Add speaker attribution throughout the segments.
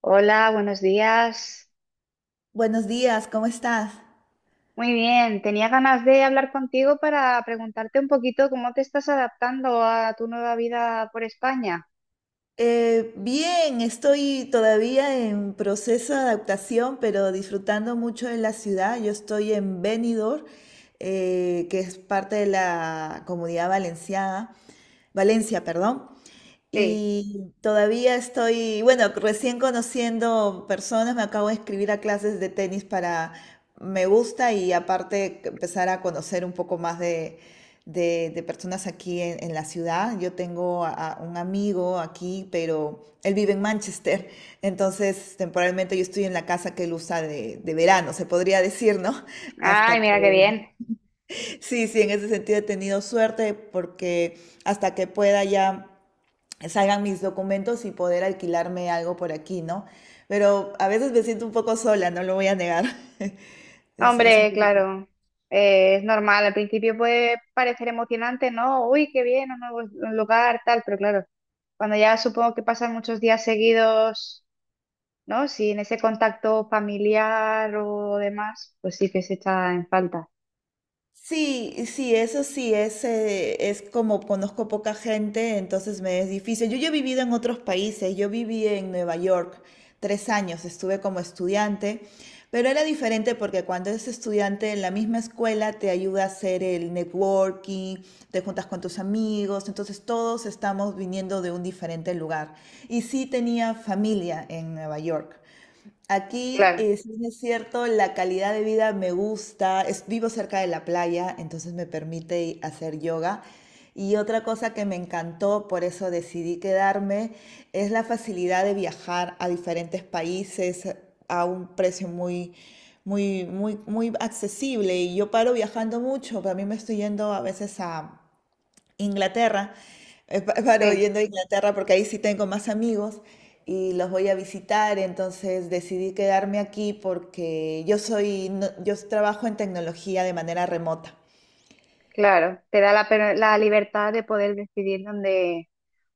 Speaker 1: Hola, buenos días.
Speaker 2: Buenos días, ¿cómo estás?
Speaker 1: Muy bien, tenía ganas de hablar contigo para preguntarte un poquito cómo te estás adaptando a tu nueva vida por España.
Speaker 2: Bien, estoy todavía en proceso de adaptación, pero disfrutando mucho de la ciudad. Yo estoy en Benidorm, que es parte de la Comunidad Valenciana, Valencia, perdón.
Speaker 1: Sí.
Speaker 2: Y todavía estoy, bueno, recién conociendo personas, me acabo de inscribir a clases de tenis para, me gusta y aparte que empezar a conocer un poco más de, de personas aquí en la ciudad. Yo tengo a un amigo aquí, pero él vive en Manchester, entonces temporalmente yo estoy en la casa que él usa de verano, se podría decir, ¿no?
Speaker 1: Ay,
Speaker 2: Hasta que,
Speaker 1: mira qué bien.
Speaker 2: sí, sí, en ese sentido he tenido suerte porque hasta que pueda ya salgan mis documentos y poder alquilarme algo por aquí, ¿no? Pero a veces me siento un poco sola, no lo voy a negar. Es un
Speaker 1: Hombre,
Speaker 2: proceso.
Speaker 1: claro, es normal. Al principio puede parecer emocionante, ¿no? Uy, qué bien, un lugar, tal, pero claro, cuando ya supongo que pasan muchos días seguidos, ¿no? Sin ese contacto familiar o demás, pues sí que se echa en falta.
Speaker 2: Sí, sí, eso sí, es como conozco poca gente, entonces me es difícil. Yo he vivido en otros países, yo viví en Nueva York 3 años, estuve como estudiante, pero era diferente porque cuando eres estudiante en la misma escuela te ayuda a hacer el networking, te juntas con tus amigos, entonces todos estamos viniendo de un diferente lugar. Y sí tenía familia en Nueva York. Aquí,
Speaker 1: Claro,
Speaker 2: si bien es cierto, la calidad de vida me gusta. Es- vivo cerca de la playa, entonces me permite hacer yoga. Y otra cosa que me encantó, por eso decidí quedarme, es la facilidad de viajar a diferentes países a un precio muy, muy, muy, muy accesible. Y yo paro viajando mucho, pero a mí me estoy yendo a veces a Inglaterra, paro
Speaker 1: sí.
Speaker 2: yendo a Inglaterra porque ahí sí tengo más amigos y los voy a visitar, entonces decidí quedarme aquí porque yo soy, no- yo trabajo en tecnología de manera remota.
Speaker 1: Claro, te da la libertad de poder decidir dónde...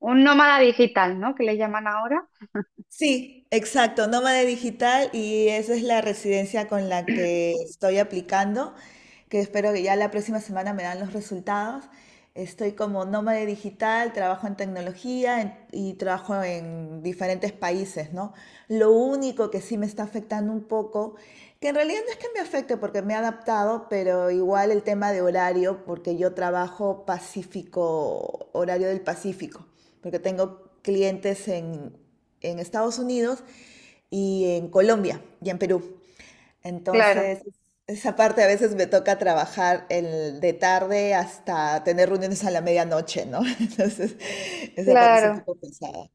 Speaker 1: Un nómada digital, ¿no? Que le llaman ahora.
Speaker 2: Sí, exacto, nómada digital y esa es la residencia con la que estoy aplicando, que espero que ya la próxima semana me dan los resultados. Estoy como nómade digital, trabajo en tecnología en- y trabajo en diferentes países, ¿no? Lo único que sí me está afectando un poco, que en realidad no es que me afecte porque me he adaptado, pero igual el tema de horario, porque yo trabajo Pacífico, horario del Pacífico, porque tengo clientes en Estados Unidos y en Colombia y en Perú.
Speaker 1: Claro,
Speaker 2: Entonces, esa parte a veces me toca trabajar el, de tarde hasta tener reuniones a la medianoche, ¿no? Entonces, esa parte es un
Speaker 1: claro,
Speaker 2: poco pesada.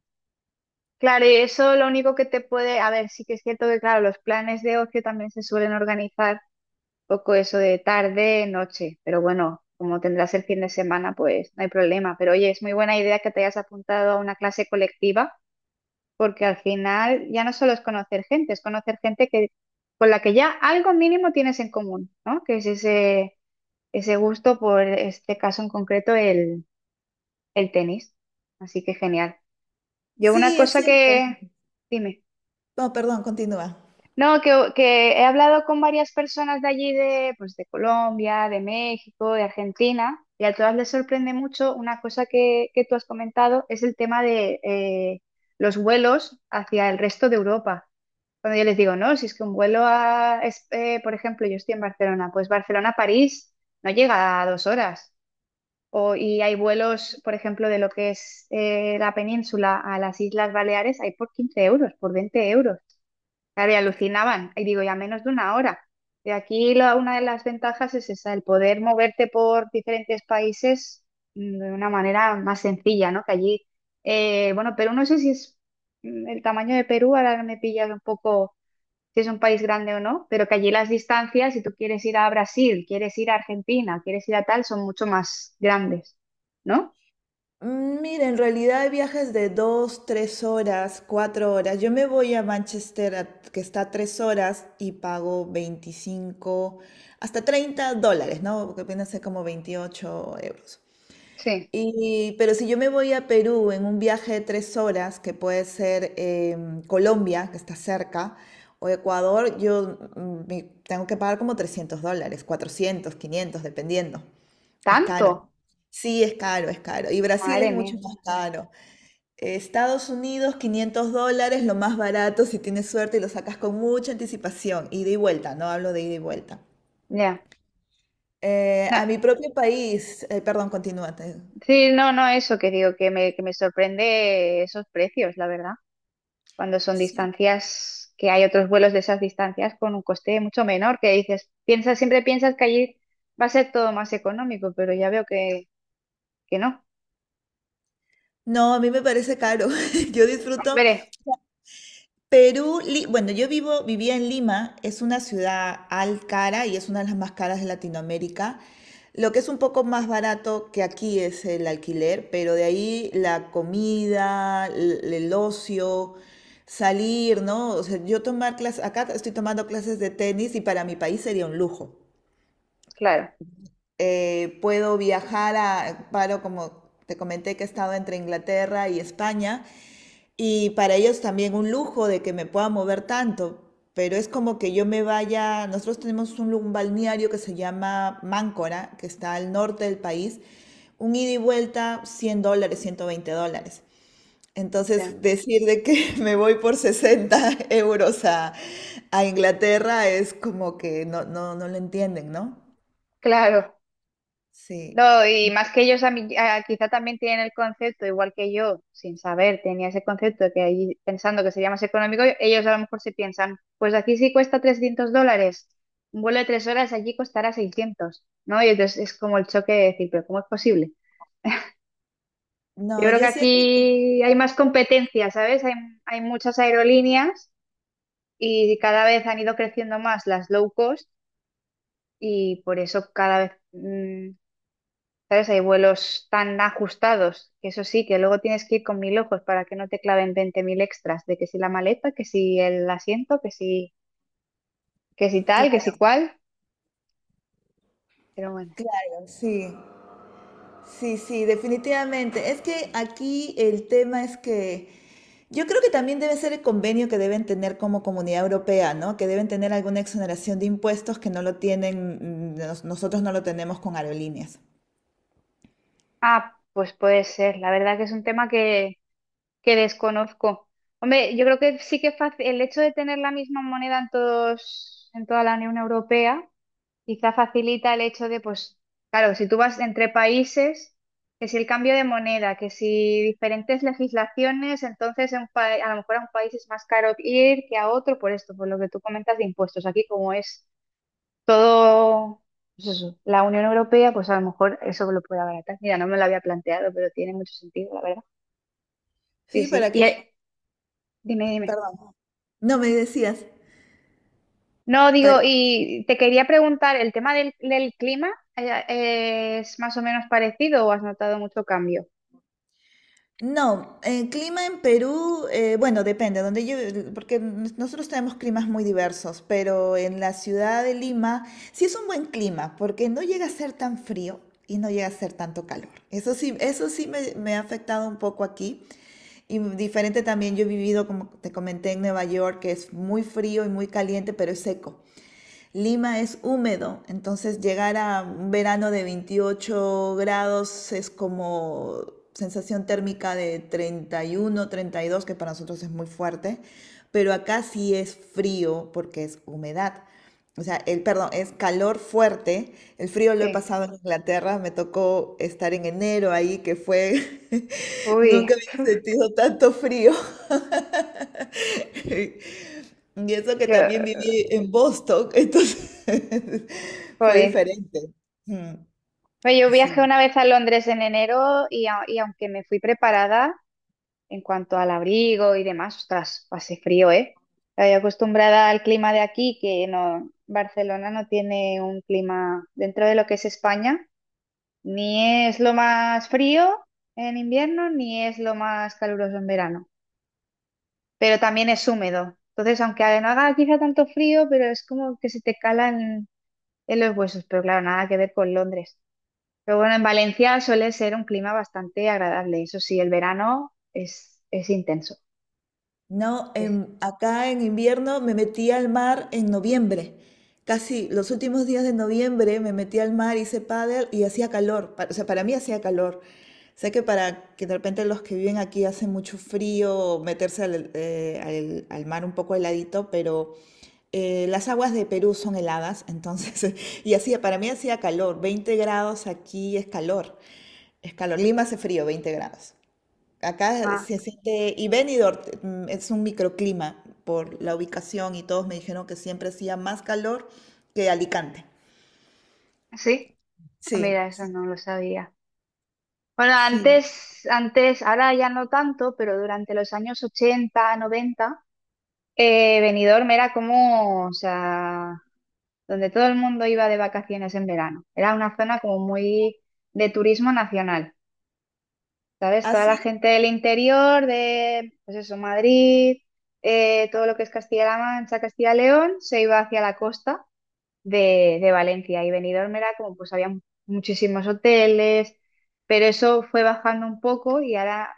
Speaker 1: claro. Y eso lo único que te puede... A ver, sí que es cierto que, claro, los planes de ocio también se suelen organizar un poco eso de tarde, noche. Pero bueno, como tendrás el fin de semana, pues no hay problema. Pero oye, es muy buena idea que te hayas apuntado a una clase colectiva porque al final ya no solo es conocer gente que, con la que ya algo mínimo tienes en común, ¿no? Que es ese, ese gusto por este caso en concreto, el tenis. Así que genial. Yo una
Speaker 2: Sí, es
Speaker 1: cosa
Speaker 2: cierto.
Speaker 1: que... Dime.
Speaker 2: No, perdón, continúa.
Speaker 1: No, que he hablado con varias personas de allí, pues, de Colombia, de México, de Argentina, y a todas les sorprende mucho una cosa que tú has comentado, es el tema de los vuelos hacia el resto de Europa. Cuando yo les digo, no, si es que un vuelo por ejemplo, yo estoy en Barcelona, pues Barcelona-París no llega a 2 horas. O, y hay vuelos, por ejemplo, de lo que es la península a las Islas Baleares, hay por 15 euros, por 20 euros. Claro, y alucinaban. Y digo, ya menos de una hora. Y aquí la- una de las ventajas es esa, el poder moverte por diferentes países de una manera más sencilla, ¿no? Que allí, bueno, Perú no sé si es el tamaño de Perú, ahora me pillas un poco si es un país grande o no, pero que allí las distancias, si tú quieres ir a Brasil, quieres ir a Argentina, quieres ir a tal, son mucho más grandes, ¿no?
Speaker 2: Mira, en realidad hay viajes de dos, 3 horas, 4 horas. Yo me voy a Manchester, a- que está a 3 horas, y pago 25 hasta 30 dólares, ¿no? Que viene a ser como 28 euros.
Speaker 1: Sí.
Speaker 2: Y, pero si yo me voy a Perú en un viaje de 3 horas, que puede ser Colombia, que está cerca, o Ecuador, yo tengo que pagar como 300 dólares, 400 500 dependiendo. Es caro.
Speaker 1: ¿Tanto?
Speaker 2: Sí, es caro, es caro. Y Brasil es
Speaker 1: Madre
Speaker 2: mucho
Speaker 1: mía.
Speaker 2: más caro. Estados Unidos, 500 dólares, lo más barato si tienes suerte y lo sacas con mucha anticipación. Ida y vuelta, no hablo de ida y vuelta.
Speaker 1: Ya. No,
Speaker 2: A mi propio país, perdón, continúa. Te-
Speaker 1: sí, no, no, eso que digo, que me sorprende esos precios, la verdad, cuando son
Speaker 2: sí.
Speaker 1: distancias, que hay otros vuelos de esas distancias con un coste mucho menor, que dices, piensas, siempre piensas que allí va a ser todo más económico, pero ya veo que no.
Speaker 2: No, a mí me parece caro. Yo disfruto
Speaker 1: Veré,
Speaker 2: Perú. Li- bueno, yo vivo, vivía en Lima, es una ciudad al cara y es una de las más caras de Latinoamérica. Lo que es un poco más barato que aquí es el alquiler, pero de ahí la comida, el ocio, salir, ¿no? O sea, yo tomar clases, acá estoy tomando clases de tenis y para mi país sería un lujo.
Speaker 1: claro,
Speaker 2: Puedo viajar a, paro como te comenté que he estado entre Inglaterra y España. Y para ellos también un lujo de que me pueda mover tanto, pero es como que yo me vaya, nosotros tenemos un, lu- un balneario que se llama Máncora, que está al norte del país, un ida y vuelta 100 dólares, 120 dólares.
Speaker 1: ya,
Speaker 2: Entonces, decir de que me voy por 60 euros a Inglaterra es como que no, no, no lo entienden, ¿no?
Speaker 1: claro.
Speaker 2: Sí.
Speaker 1: No, y más que ellos quizá también tienen el concepto, igual que yo, sin saber, tenía ese concepto que ahí pensando que sería más económico, ellos a lo mejor se piensan, pues aquí sí cuesta $300, un vuelo de 3 horas allí costará 600, ¿no? Y entonces es como el choque de decir, pero ¿cómo es posible? Yo
Speaker 2: No,
Speaker 1: creo que
Speaker 2: yo siento que,
Speaker 1: aquí hay más competencia, ¿sabes? Hay muchas aerolíneas y cada vez han ido creciendo más las low cost y por eso cada vez... mm, ¿sabes? Hay vuelos tan ajustados que eso sí, que luego tienes que ir con mil ojos para que no te claven 20.000 extras de que si la maleta, que si el asiento, que si tal, que si
Speaker 2: claro,
Speaker 1: cual. Pero bueno.
Speaker 2: claro, sí. Sí, sí, definitivamente. Es que aquí el tema es que yo creo que también debe ser el convenio que deben tener como Comunidad Europea, ¿no? Que deben tener alguna exoneración de impuestos que no lo tienen, nosotros no lo tenemos con aerolíneas.
Speaker 1: Ah, pues puede ser. La verdad que es un tema que desconozco. Hombre, yo creo que sí que es fácil el hecho de tener la misma moneda en toda la Unión Europea. Quizá facilita el hecho de, pues, claro, si tú vas entre países, que si el cambio de moneda, que si diferentes legislaciones, entonces a lo mejor a un país es más caro ir que a otro por esto, por lo que tú comentas de impuestos. Aquí como es todo, pues eso, la Unión Europea, pues a lo mejor eso lo puede abaratar. Mira, no me lo había planteado, pero tiene mucho sentido, la verdad. Sí,
Speaker 2: Sí,
Speaker 1: sí.
Speaker 2: para que,
Speaker 1: Y dime, dime.
Speaker 2: perdón. No me decías.
Speaker 1: No, digo, y te quería preguntar, ¿el tema del clima es más o menos parecido o has notado mucho cambio?
Speaker 2: No, el clima en Perú, bueno, depende, donde yo, porque n- nosotros tenemos climas muy diversos, pero en la ciudad de Lima sí es un buen clima, porque no llega a ser tan frío y no llega a ser tanto calor. Eso sí me ha afectado un poco aquí. Y diferente también, yo he vivido, como te comenté, en Nueva York, que es muy frío y muy caliente, pero es seco. Lima es húmedo, entonces llegar a un verano de 28 grados es como sensación térmica de 30 31, 32, que para nosotros es muy fuerte, pero acá sí es frío porque es humedad. O sea, el, perdón, es calor fuerte. El frío lo he
Speaker 1: Sí.
Speaker 2: pasado en Inglaterra, me tocó estar en enero ahí, que fue,
Speaker 1: Uy,
Speaker 2: nunca había sentido tanto frío. Y eso que
Speaker 1: yo,
Speaker 2: también viví en Boston, entonces fue
Speaker 1: jolín.
Speaker 2: diferente. Mm,
Speaker 1: Oye, yo viajé
Speaker 2: Sí.
Speaker 1: una vez a Londres en enero y, a- y aunque me fui preparada en cuanto al abrigo y demás, ostras, pasé frío, ¿eh? Estoy acostumbrada al clima de aquí, que no, Barcelona no tiene un clima dentro de lo que es España, ni es lo más frío en invierno, ni es lo más caluroso en verano. Pero también es húmedo. Entonces, aunque no haga quizá tanto frío, pero es como que se te calan en los huesos, pero claro, nada que ver con Londres. Pero bueno, en Valencia suele ser un clima bastante agradable. Eso sí, el verano es intenso.
Speaker 2: No,
Speaker 1: Es-
Speaker 2: acá en invierno me metí al mar en noviembre. Casi los últimos días de noviembre me metí al mar, hice pádel y hacía calor. Pa- O sea, para mí hacía calor. Sé que para que de repente los que viven aquí hace mucho frío meterse al, al mar un poco heladito, pero las aguas de Perú son heladas, entonces, y hacía, para mí hacía calor. 20 grados aquí es calor. Es calor. Lima hace frío, 20 grados. Acá
Speaker 1: Ah,
Speaker 2: se siente, y Benidorm es un microclima por la ubicación y todos me dijeron que siempre hacía más calor que Alicante.
Speaker 1: ¿sí? Ah, mira,
Speaker 2: Sí,
Speaker 1: eso
Speaker 2: sí.
Speaker 1: no lo sabía. Bueno,
Speaker 2: Sí.
Speaker 1: antes, antes, ahora ya no tanto, pero durante los años 80, 90, Benidorm era como, o sea, donde todo el mundo iba de vacaciones en verano. Era una zona como muy de turismo nacional, ¿sabes? Toda la
Speaker 2: Así,
Speaker 1: gente del interior, de, pues eso, Madrid, todo lo que es Castilla-La Mancha, Castilla-León, se iba hacia la costa de Valencia y Benidorm era como, pues había muchísimos hoteles, pero eso fue bajando un poco y ahora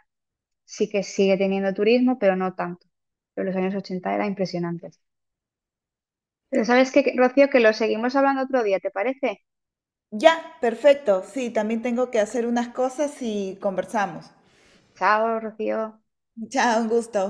Speaker 1: sí que sigue teniendo turismo, pero no tanto. Pero los años 80 era impresionante. Pero sabes qué, Rocío, que lo seguimos hablando otro día, ¿te parece?
Speaker 2: ya, perfecto. Sí, también tengo que hacer unas cosas y conversamos.
Speaker 1: Chao, Rocío.
Speaker 2: Chao, un gusto.